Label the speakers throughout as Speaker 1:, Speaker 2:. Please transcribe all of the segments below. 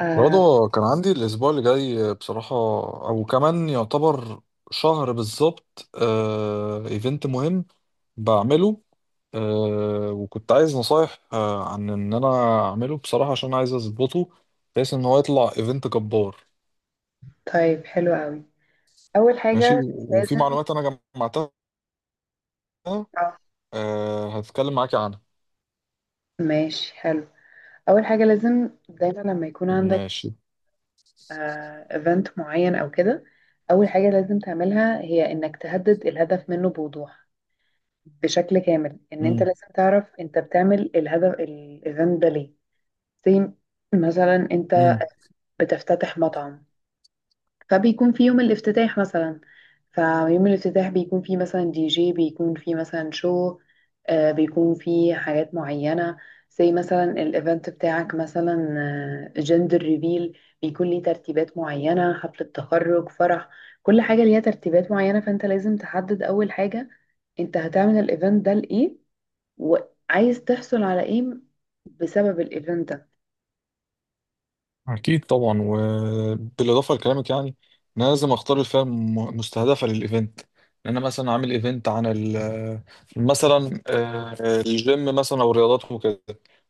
Speaker 1: آه.
Speaker 2: رضا كان عندي الأسبوع اللي جاي بصراحة، أو كمان يعتبر شهر بالظبط. إيفنت مهم بعمله. وكنت عايز نصايح عن إن أنا أعمله بصراحة عشان عايز أظبطه بحيث إن هو يطلع إيفنت جبار.
Speaker 1: طيب، حلو قوي. اول
Speaker 2: ماشي،
Speaker 1: حاجه
Speaker 2: وفي
Speaker 1: لازم
Speaker 2: معلومات أنا جمعتها،
Speaker 1: اه
Speaker 2: هتكلم معاكي عنها.
Speaker 1: ماشي حلو اول حاجه لازم دايما لما يكون عندك
Speaker 2: ماشي.
Speaker 1: ايفنت معين او كده، اول حاجه لازم تعملها هي انك تهدد الهدف منه بوضوح، بشكل كامل. ان انت
Speaker 2: مم.
Speaker 1: لازم تعرف انت بتعمل الهدف الايفنت ده ليه. زي مثلا انت
Speaker 2: مم.
Speaker 1: بتفتتح مطعم، فبيكون في يوم الافتتاح مثلا، فيوم الافتتاح بيكون فيه مثلا دي جي، بيكون فيه مثلا شو، بيكون فيه حاجات معينة. زي مثلا الايفنت بتاعك مثلا جندر ريفيل بيكون ليه ترتيبات معينة، حفلة تخرج، فرح، كل حاجة ليها ترتيبات معينة. فانت لازم تحدد اول حاجة انت هتعمل الايفنت ده لإيه، وعايز تحصل على ايه بسبب الايفنت ده.
Speaker 2: أكيد طبعا، وبالإضافة لكلامك يعني أنا لازم أختار الفئة مستهدفة للإيفنت، لأن أنا مثلا عامل إيفنت عن ال مثلا، الجيم مثلا أو الرياضات وكده.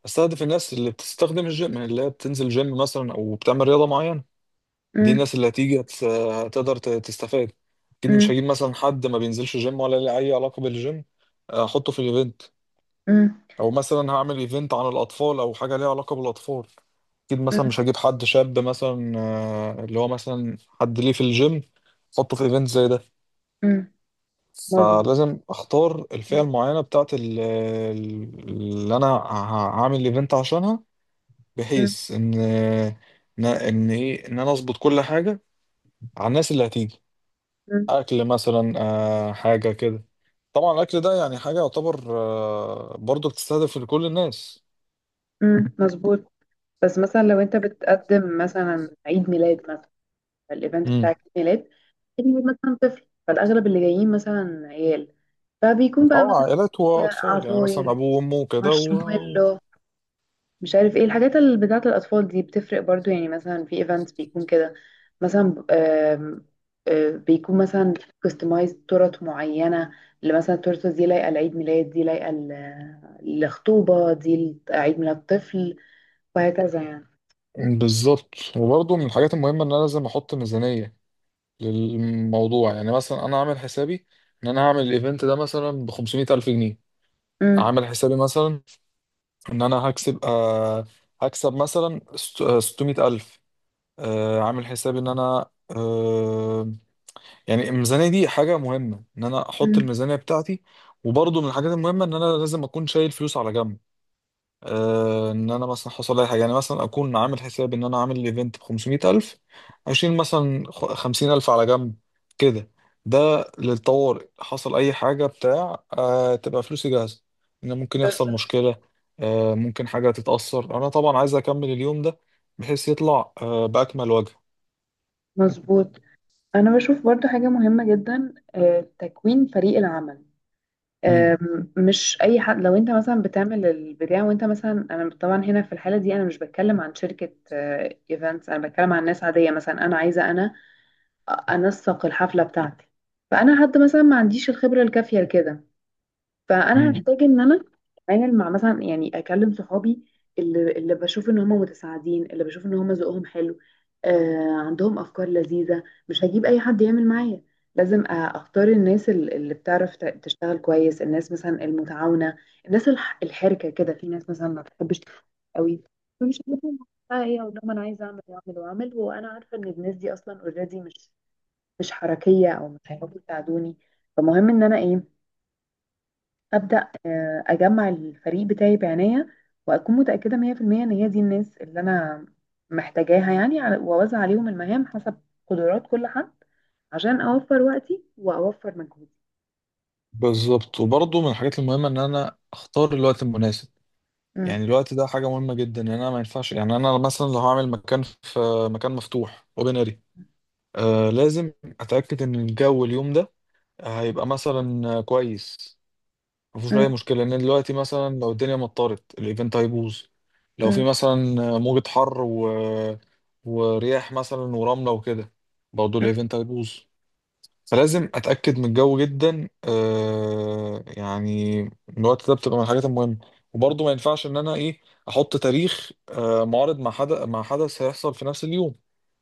Speaker 2: أستهدف الناس اللي بتستخدم الجيم، يعني اللي هي بتنزل جيم مثلا أو بتعمل رياضة معينة. دي
Speaker 1: مم،
Speaker 2: الناس اللي هتيجي هتقدر تستفاد. أكيد مش
Speaker 1: مم،
Speaker 2: هجيب مثلا حد ما بينزلش جيم ولا ليه أي علاقة بالجيم، أحطه في الإيفنت.
Speaker 1: مم،
Speaker 2: أو مثلا هعمل إيفنت عن الأطفال أو حاجة ليها علاقة بالأطفال. اكيد مثلا
Speaker 1: مم،
Speaker 2: مش هجيب حد شاب مثلا، اللي هو مثلا حد ليه في الجيم، احطه في ايفنت زي ده.
Speaker 1: مم. مظبوط.
Speaker 2: فلازم اختار الفئة المعينة بتاعت اللي انا هعمل الايفنت عشانها، بحيث ان ايه، ان انا اظبط كل حاجة على الناس اللي هتيجي. اكل مثلا، حاجة كده. طبعا الاكل ده يعني حاجة، يعتبر برضه بتستهدف لكل الناس.
Speaker 1: مظبوط. بس مثلا لو انت بتقدم مثلا عيد ميلاد، مثلا الايفنت بتاع
Speaker 2: امم.
Speaker 1: عيد ميلاد، عيد ميلاد مثلا طفل، فالاغلب اللي جايين مثلا عيال، فبيكون بقى
Speaker 2: اه،
Speaker 1: مثلا
Speaker 2: عائلات
Speaker 1: فيها
Speaker 2: واطفال، يعني مثلا
Speaker 1: عصاير،
Speaker 2: ابوه وامه وكده.
Speaker 1: مارشميلو، مش عارف ايه الحاجات اللي بتاعه الاطفال دي. بتفرق برضو، يعني مثلا في ايفنتس بيكون كده. مثلا آم، آه، بيكون مثلا كاستمايز تورت معينه، اللي مثلا التورته دي لايقه لعيد ميلاد، دي لايقه لخطوبه، دي لعيد ميلاد طفل، وهكذا يعني.
Speaker 2: بالظبط، وبرضه من الحاجات المهمة إن أنا لازم أحط ميزانية للموضوع. يعني مثلا أنا عامل حسابي إن أنا هعمل الإيفنت ده مثلا بخمسمية ألف جنيه.
Speaker 1: مم.
Speaker 2: عامل حسابي مثلا إن أنا هكسب، هكسب مثلا ستمية ألف. عامل حسابي إن أنا، يعني الميزانية دي حاجة مهمة، إن أنا أحط
Speaker 1: مم.
Speaker 2: الميزانية بتاعتي. وبرضه من الحاجات المهمة إن أنا لازم أكون شايل فلوس على جنب، ان انا مثلا حصل لي حاجه، يعني مثلا اكون عامل حساب ان انا عامل ايفنت ب 500000، اشيل مثلا 50000 على جنب كده. ده للطوارئ، حصل اي حاجه بتاع، تبقى فلوسي جاهزه، ان ممكن
Speaker 1: بس
Speaker 2: يحصل مشكله. ممكن حاجه تتاثر، انا طبعا عايز اكمل اليوم ده بحيث يطلع باكمل وجه.
Speaker 1: مظبوط. انا بشوف برضو حاجة مهمة جدا، تكوين فريق العمل. مش اي حد. لو انت مثلا بتعمل البتاع وانت مثلا، انا طبعا هنا في الحالة دي انا مش بتكلم عن شركة ايفنتس، انا بتكلم عن ناس عادية. مثلا انا عايزة انا انسق الحفلة بتاعتي، فانا حد مثلا ما عنديش الخبرة الكافية لكده، فانا
Speaker 2: امم
Speaker 1: هحتاج ان انا اتعامل مع مثلا، يعني اكلم صحابي اللي بشوف ان هم متساعدين، اللي بشوف ان هم ذوقهم حلو، آه عندهم افكار لذيذه. مش هجيب اي حد يعمل معايا. لازم اختار الناس اللي بتعرف تشتغل كويس، الناس مثلا المتعاونه، الناس الحركه كده. في ناس مثلا ما بتحبش تشتغل قوي، فمش هجيبهم بقى ايه اقول لهم انا عايزه اعمل واعمل واعمل وانا عارفه ان الناس دي اصلا اوريدي مش حركيه او مش هيعرفوا يساعدوني. فمهم ان انا ايه، ابدا اجمع الفريق بتاعي بعناية، واكون متأكدة 100% ان هي دي الناس اللي انا محتاجاها، يعني واوزع عليهم المهام حسب قدرات كل حد، عشان اوفر وقتي واوفر مجهودي.
Speaker 2: بالظبط، وبرضه من الحاجات المهمه ان انا اختار الوقت المناسب.
Speaker 1: مم.
Speaker 2: يعني الوقت ده حاجة مهمة جدا، يعني انا ما ينفعش، يعني انا مثلا لو هعمل مكان في مكان مفتوح اوبن اري، لازم اتأكد ان الجو اليوم ده هيبقى مثلا كويس، مفيش اي
Speaker 1: مم.
Speaker 2: مشكلة. ان دلوقتي مثلا لو الدنيا مطرت، الايفنت هيبوظ. لو في
Speaker 1: مم.
Speaker 2: مثلا موجة حر ورياح مثلا ورملة وكده، برضه الايفنت هيبوظ. فلازم اتاكد من الجو جدا، يعني من الوقت ده، بتبقى من الحاجات المهمه. وبرضه ما ينفعش ان انا ايه، احط تاريخ، معارض، مع حدث، مع حدث هيحصل في نفس اليوم.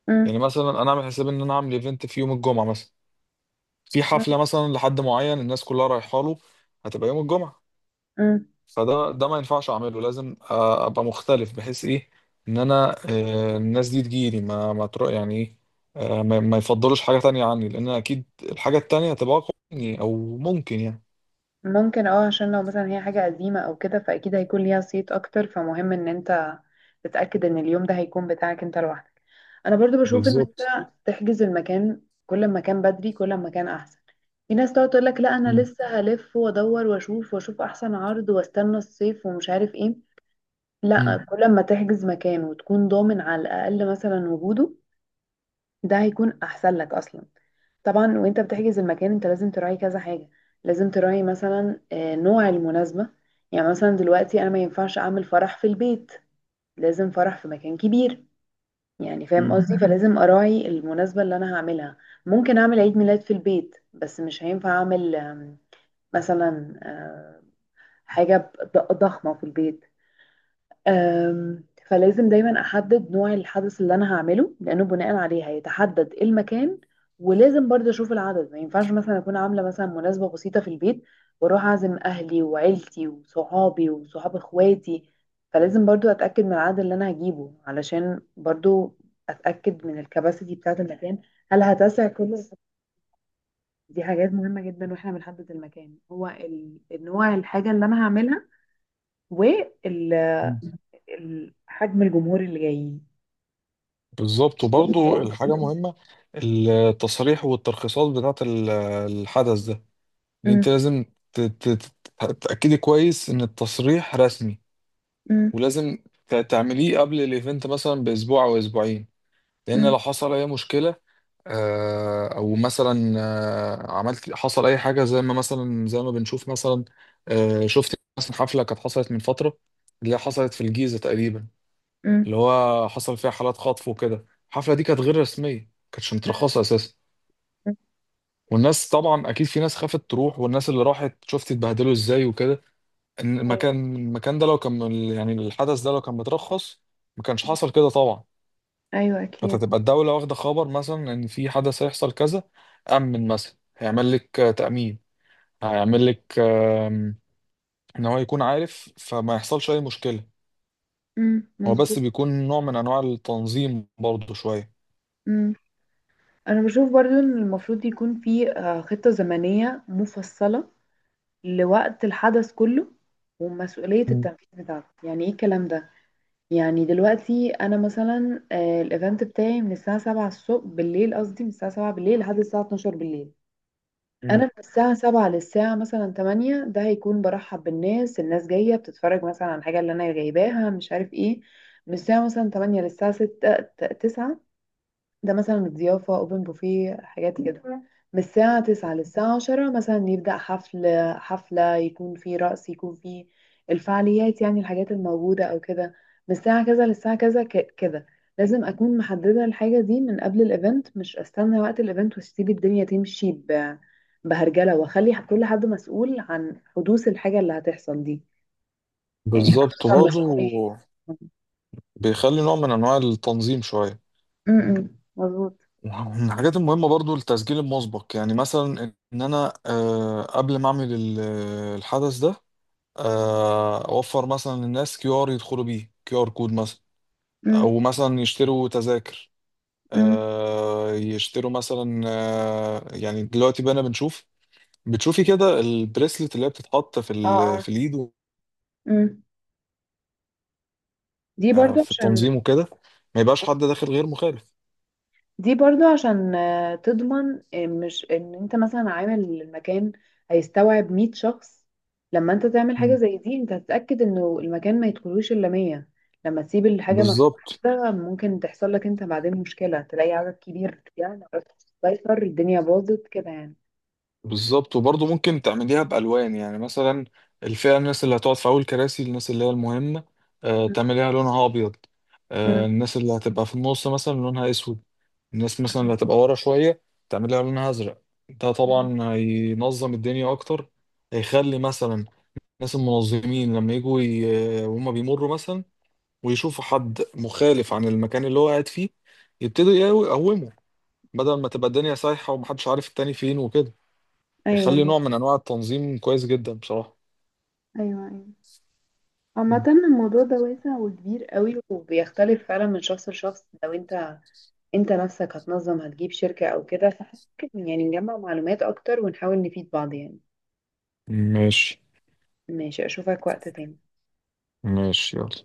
Speaker 1: مم.
Speaker 2: يعني مثلا انا اعمل حساب ان انا اعمل ايفنت في يوم الجمعه مثلا، في
Speaker 1: مم.
Speaker 2: حفله مثلا لحد معين، الناس كلها رايحه له، هتبقى يوم الجمعه.
Speaker 1: مم.
Speaker 2: فده ما ينفعش اعمله، لازم ابقى مختلف، بحيث ايه، ان انا، الناس دي تجيلي ما تروح، يعني ايه، ما يفضلوش حاجة تانية عني، لان اكيد الحاجة التانية هتبقى اقوى مني او ممكن يعني.
Speaker 1: ممكن اه، عشان لو مثلا هي حاجة قديمة او كده فاكيد هيكون ليها صيت اكتر. فمهم ان انت تتأكد ان اليوم ده هيكون بتاعك انت لوحدك. انا برضو بشوف ان انت
Speaker 2: بالظبط.
Speaker 1: تحجز المكان، كل ما كان بدري كل ما كان احسن. في ناس تقعد تقول لك لا انا
Speaker 2: مم.
Speaker 1: لسه هلف وادور واشوف واشوف احسن عرض واستنى الصيف ومش عارف ايه.
Speaker 2: مم.
Speaker 1: لا، كل ما تحجز مكان وتكون ضامن على الاقل مثلا وجوده، ده هيكون احسن لك اصلا. طبعا وانت بتحجز المكان انت لازم تراعي كذا حاجة. لازم تراعي مثلا نوع المناسبة. يعني مثلا دلوقتي انا ما ينفعش اعمل فرح في البيت، لازم فرح في مكان كبير. يعني فاهم
Speaker 2: مم.
Speaker 1: قصدي؟ مهم. فلازم اراعي المناسبة اللي انا هعملها. ممكن اعمل عيد ميلاد في البيت، بس مش هينفع اعمل آم، مثلا آه، حاجة ضخمة في البيت. أم، فلازم دايما احدد نوع الحدث اللي انا هعمله، لانه بناء عليه هيتحدد إيه المكان. ولازم برضه اشوف العدد. ما ينفعش مثلا اكون عامله مثلا مناسبه بسيطه في البيت واروح اعزم اهلي وعيلتي وصحابي وصحاب اخواتي. فلازم برضه اتاكد من العدد اللي انا هجيبه، علشان برضه اتاكد من الكباسيتي بتاعه المكان. هل هتسع كل، دي حاجات مهمه جدا. واحنا بنحدد المكان هو النوع الحاجه اللي انا هعملها، وال- ال-
Speaker 2: مم.
Speaker 1: حجم الجمهور اللي جايين.
Speaker 2: بالظبط، وبرضو الحاجة مهمة، التصاريح والترخيصات بتاعة الحدث ده. يعني انت
Speaker 1: مم.
Speaker 2: لازم ت- ت- ت- تتأكدي كويس ان التصريح رسمي،
Speaker 1: مم.
Speaker 2: ولازم تعمليه قبل الايفنت مثلا باسبوع او اسبوعين، لان
Speaker 1: مم.
Speaker 2: لو حصل اي مشكله، او مثلا عملت، حصل اي حاجه زي ما مثلا زي ما بنشوف مثلا. شفت مثلا حفله كانت حصلت من فتره، اللي هي حصلت في الجيزه تقريبا،
Speaker 1: مم.
Speaker 2: اللي هو حصل فيها حالات خطف وكده. الحفله دي كانت غير رسميه، ما كانتش مترخصه اساسا.
Speaker 1: مم.
Speaker 2: والناس طبعا اكيد في ناس خافت تروح، والناس اللي راحت شفت اتبهدلوا ازاي وكده. إن
Speaker 1: ايوه.
Speaker 2: المكان ده لو كان، يعني الحدث ده لو كان مترخص، ما كانش حصل كده طبعا.
Speaker 1: ايوه اكيد.
Speaker 2: فتبقى الدولة واخدة خبر مثلا، إن في حدث هيحصل كذا. أمن مثلا هيعمل لك تأمين، هيعمل لك إن هو يكون عارف، فما يحصلش أي مشكلة.
Speaker 1: مم.
Speaker 2: هو بس
Speaker 1: مظبوط.
Speaker 2: بيكون نوع من أنواع التنظيم برضه شوية.
Speaker 1: مم. انا بشوف برضو ان المفروض يكون في خطة زمنية مفصلة لوقت الحدث كله، ومسؤولية
Speaker 2: مم.
Speaker 1: التنفيذ بتاعته. يعني ايه الكلام ده؟ يعني دلوقتي انا مثلا الايفنت بتاعي من الساعة 7 الصبح بالليل، قصدي من الساعة 7 بالليل لحد الساعة 12 بالليل. انا
Speaker 2: مم.
Speaker 1: من الساعة 7 للساعة مثلا 8، ده هيكون برحب بالناس، الناس جاية بتتفرج مثلا على الحاجة اللي انا جايباها مش عارف ايه. من الساعة مثلا 8 للساعة 9، ده مثلا الضيافة، اوبن بوفيه، حاجات كده. مم. من الساعة 9 للساعة 10 مثلا يبدأ حفل، حفلة، يكون فيه رقص، يكون فيه الفعاليات، يعني الحاجات الموجودة أو كده. من الساعة كذا للساعة كذا، كده. لازم أكون محددة الحاجة دي من قبل الإيفنت، مش أستنى وقت الإيفنت وأسيب الدنيا تمشي بهرجلة، وأخلي كل حد مسؤول عن حدوث الحاجة اللي هتحصل دي. يعني حد
Speaker 2: بالظبط
Speaker 1: مثلا
Speaker 2: برضه
Speaker 1: مسؤول
Speaker 2: بيخلي نوع من أنواع التنظيم شوية.
Speaker 1: م- م. مظبوط.
Speaker 2: من الحاجات المهمة برضه التسجيل المسبق، يعني مثلا إن أنا، قبل ما أعمل الحدث ده، أوفر مثلا للناس كيو آر يدخلوا بيه، كيو آر كود مثلا،
Speaker 1: م-
Speaker 2: او مثلا يشتروا تذاكر.
Speaker 1: م.
Speaker 2: يشتروا مثلا، يعني دلوقتي بقى بنشوف، بتشوفي كده البريسلت اللي هي بتتحط في
Speaker 1: اه اه.
Speaker 2: في اليد
Speaker 1: م. دي برضو
Speaker 2: في
Speaker 1: عشان
Speaker 2: التنظيم وكده، ما يبقاش حد داخل غير مخالف.
Speaker 1: دي برضو عشان تضمن آه، مش ان انت مثلا عامل المكان هيستوعب 100 شخص. لما انت تعمل حاجة
Speaker 2: مم.
Speaker 1: زي دي انت هتتأكد انه المكان ما يدخلوش الا 100. لما تسيب الحاجة مفتوحة
Speaker 2: بالظبط
Speaker 1: كده ممكن تحصل لك انت بعدين مشكلة، تلاقي عدد كبير يعني ما عرفتش تسيطر، الدنيا باظت كده يعني.
Speaker 2: بالظبط. وبرضه ممكن تعمليها بألوان، يعني مثلا الفئة، الناس اللي هتقعد في أول كراسي، الناس اللي هي المهمة،
Speaker 1: م-
Speaker 2: تعمليها لونها أبيض.
Speaker 1: م-
Speaker 2: الناس اللي هتبقى في النص مثلا لونها أسود. الناس مثلا اللي
Speaker 1: م-
Speaker 2: هتبقى ورا شوية تعمليها لونها أزرق. ده
Speaker 1: م.
Speaker 2: طبعا هينظم الدنيا أكتر، هيخلي مثلا ناس المنظمين لما يجوا وهم بيمروا مثلا، ويشوفوا حد مخالف عن المكان اللي هو قاعد فيه، يبتدوا يقوموا، بدل ما تبقى الدنيا سايحة، ومحدش عارف التاني فين وكده،
Speaker 1: ايوه
Speaker 2: يخلي نوع
Speaker 1: مظبوط.
Speaker 2: من انواع التنظيم كويس جدا بصراحة.
Speaker 1: ايوه ايوه. عامة
Speaker 2: مم.
Speaker 1: الموضوع ده واسع وكبير قوي، وبيختلف فعلا من شخص لشخص. لو انت انت نفسك هتنظم، هتجيب شركة او كده، فممكن يعني نجمع معلومات اكتر ونحاول نفيد بعض يعني.
Speaker 2: ماشي.
Speaker 1: ماشي. اشوفك وقت تاني.
Speaker 2: ماشي يلا.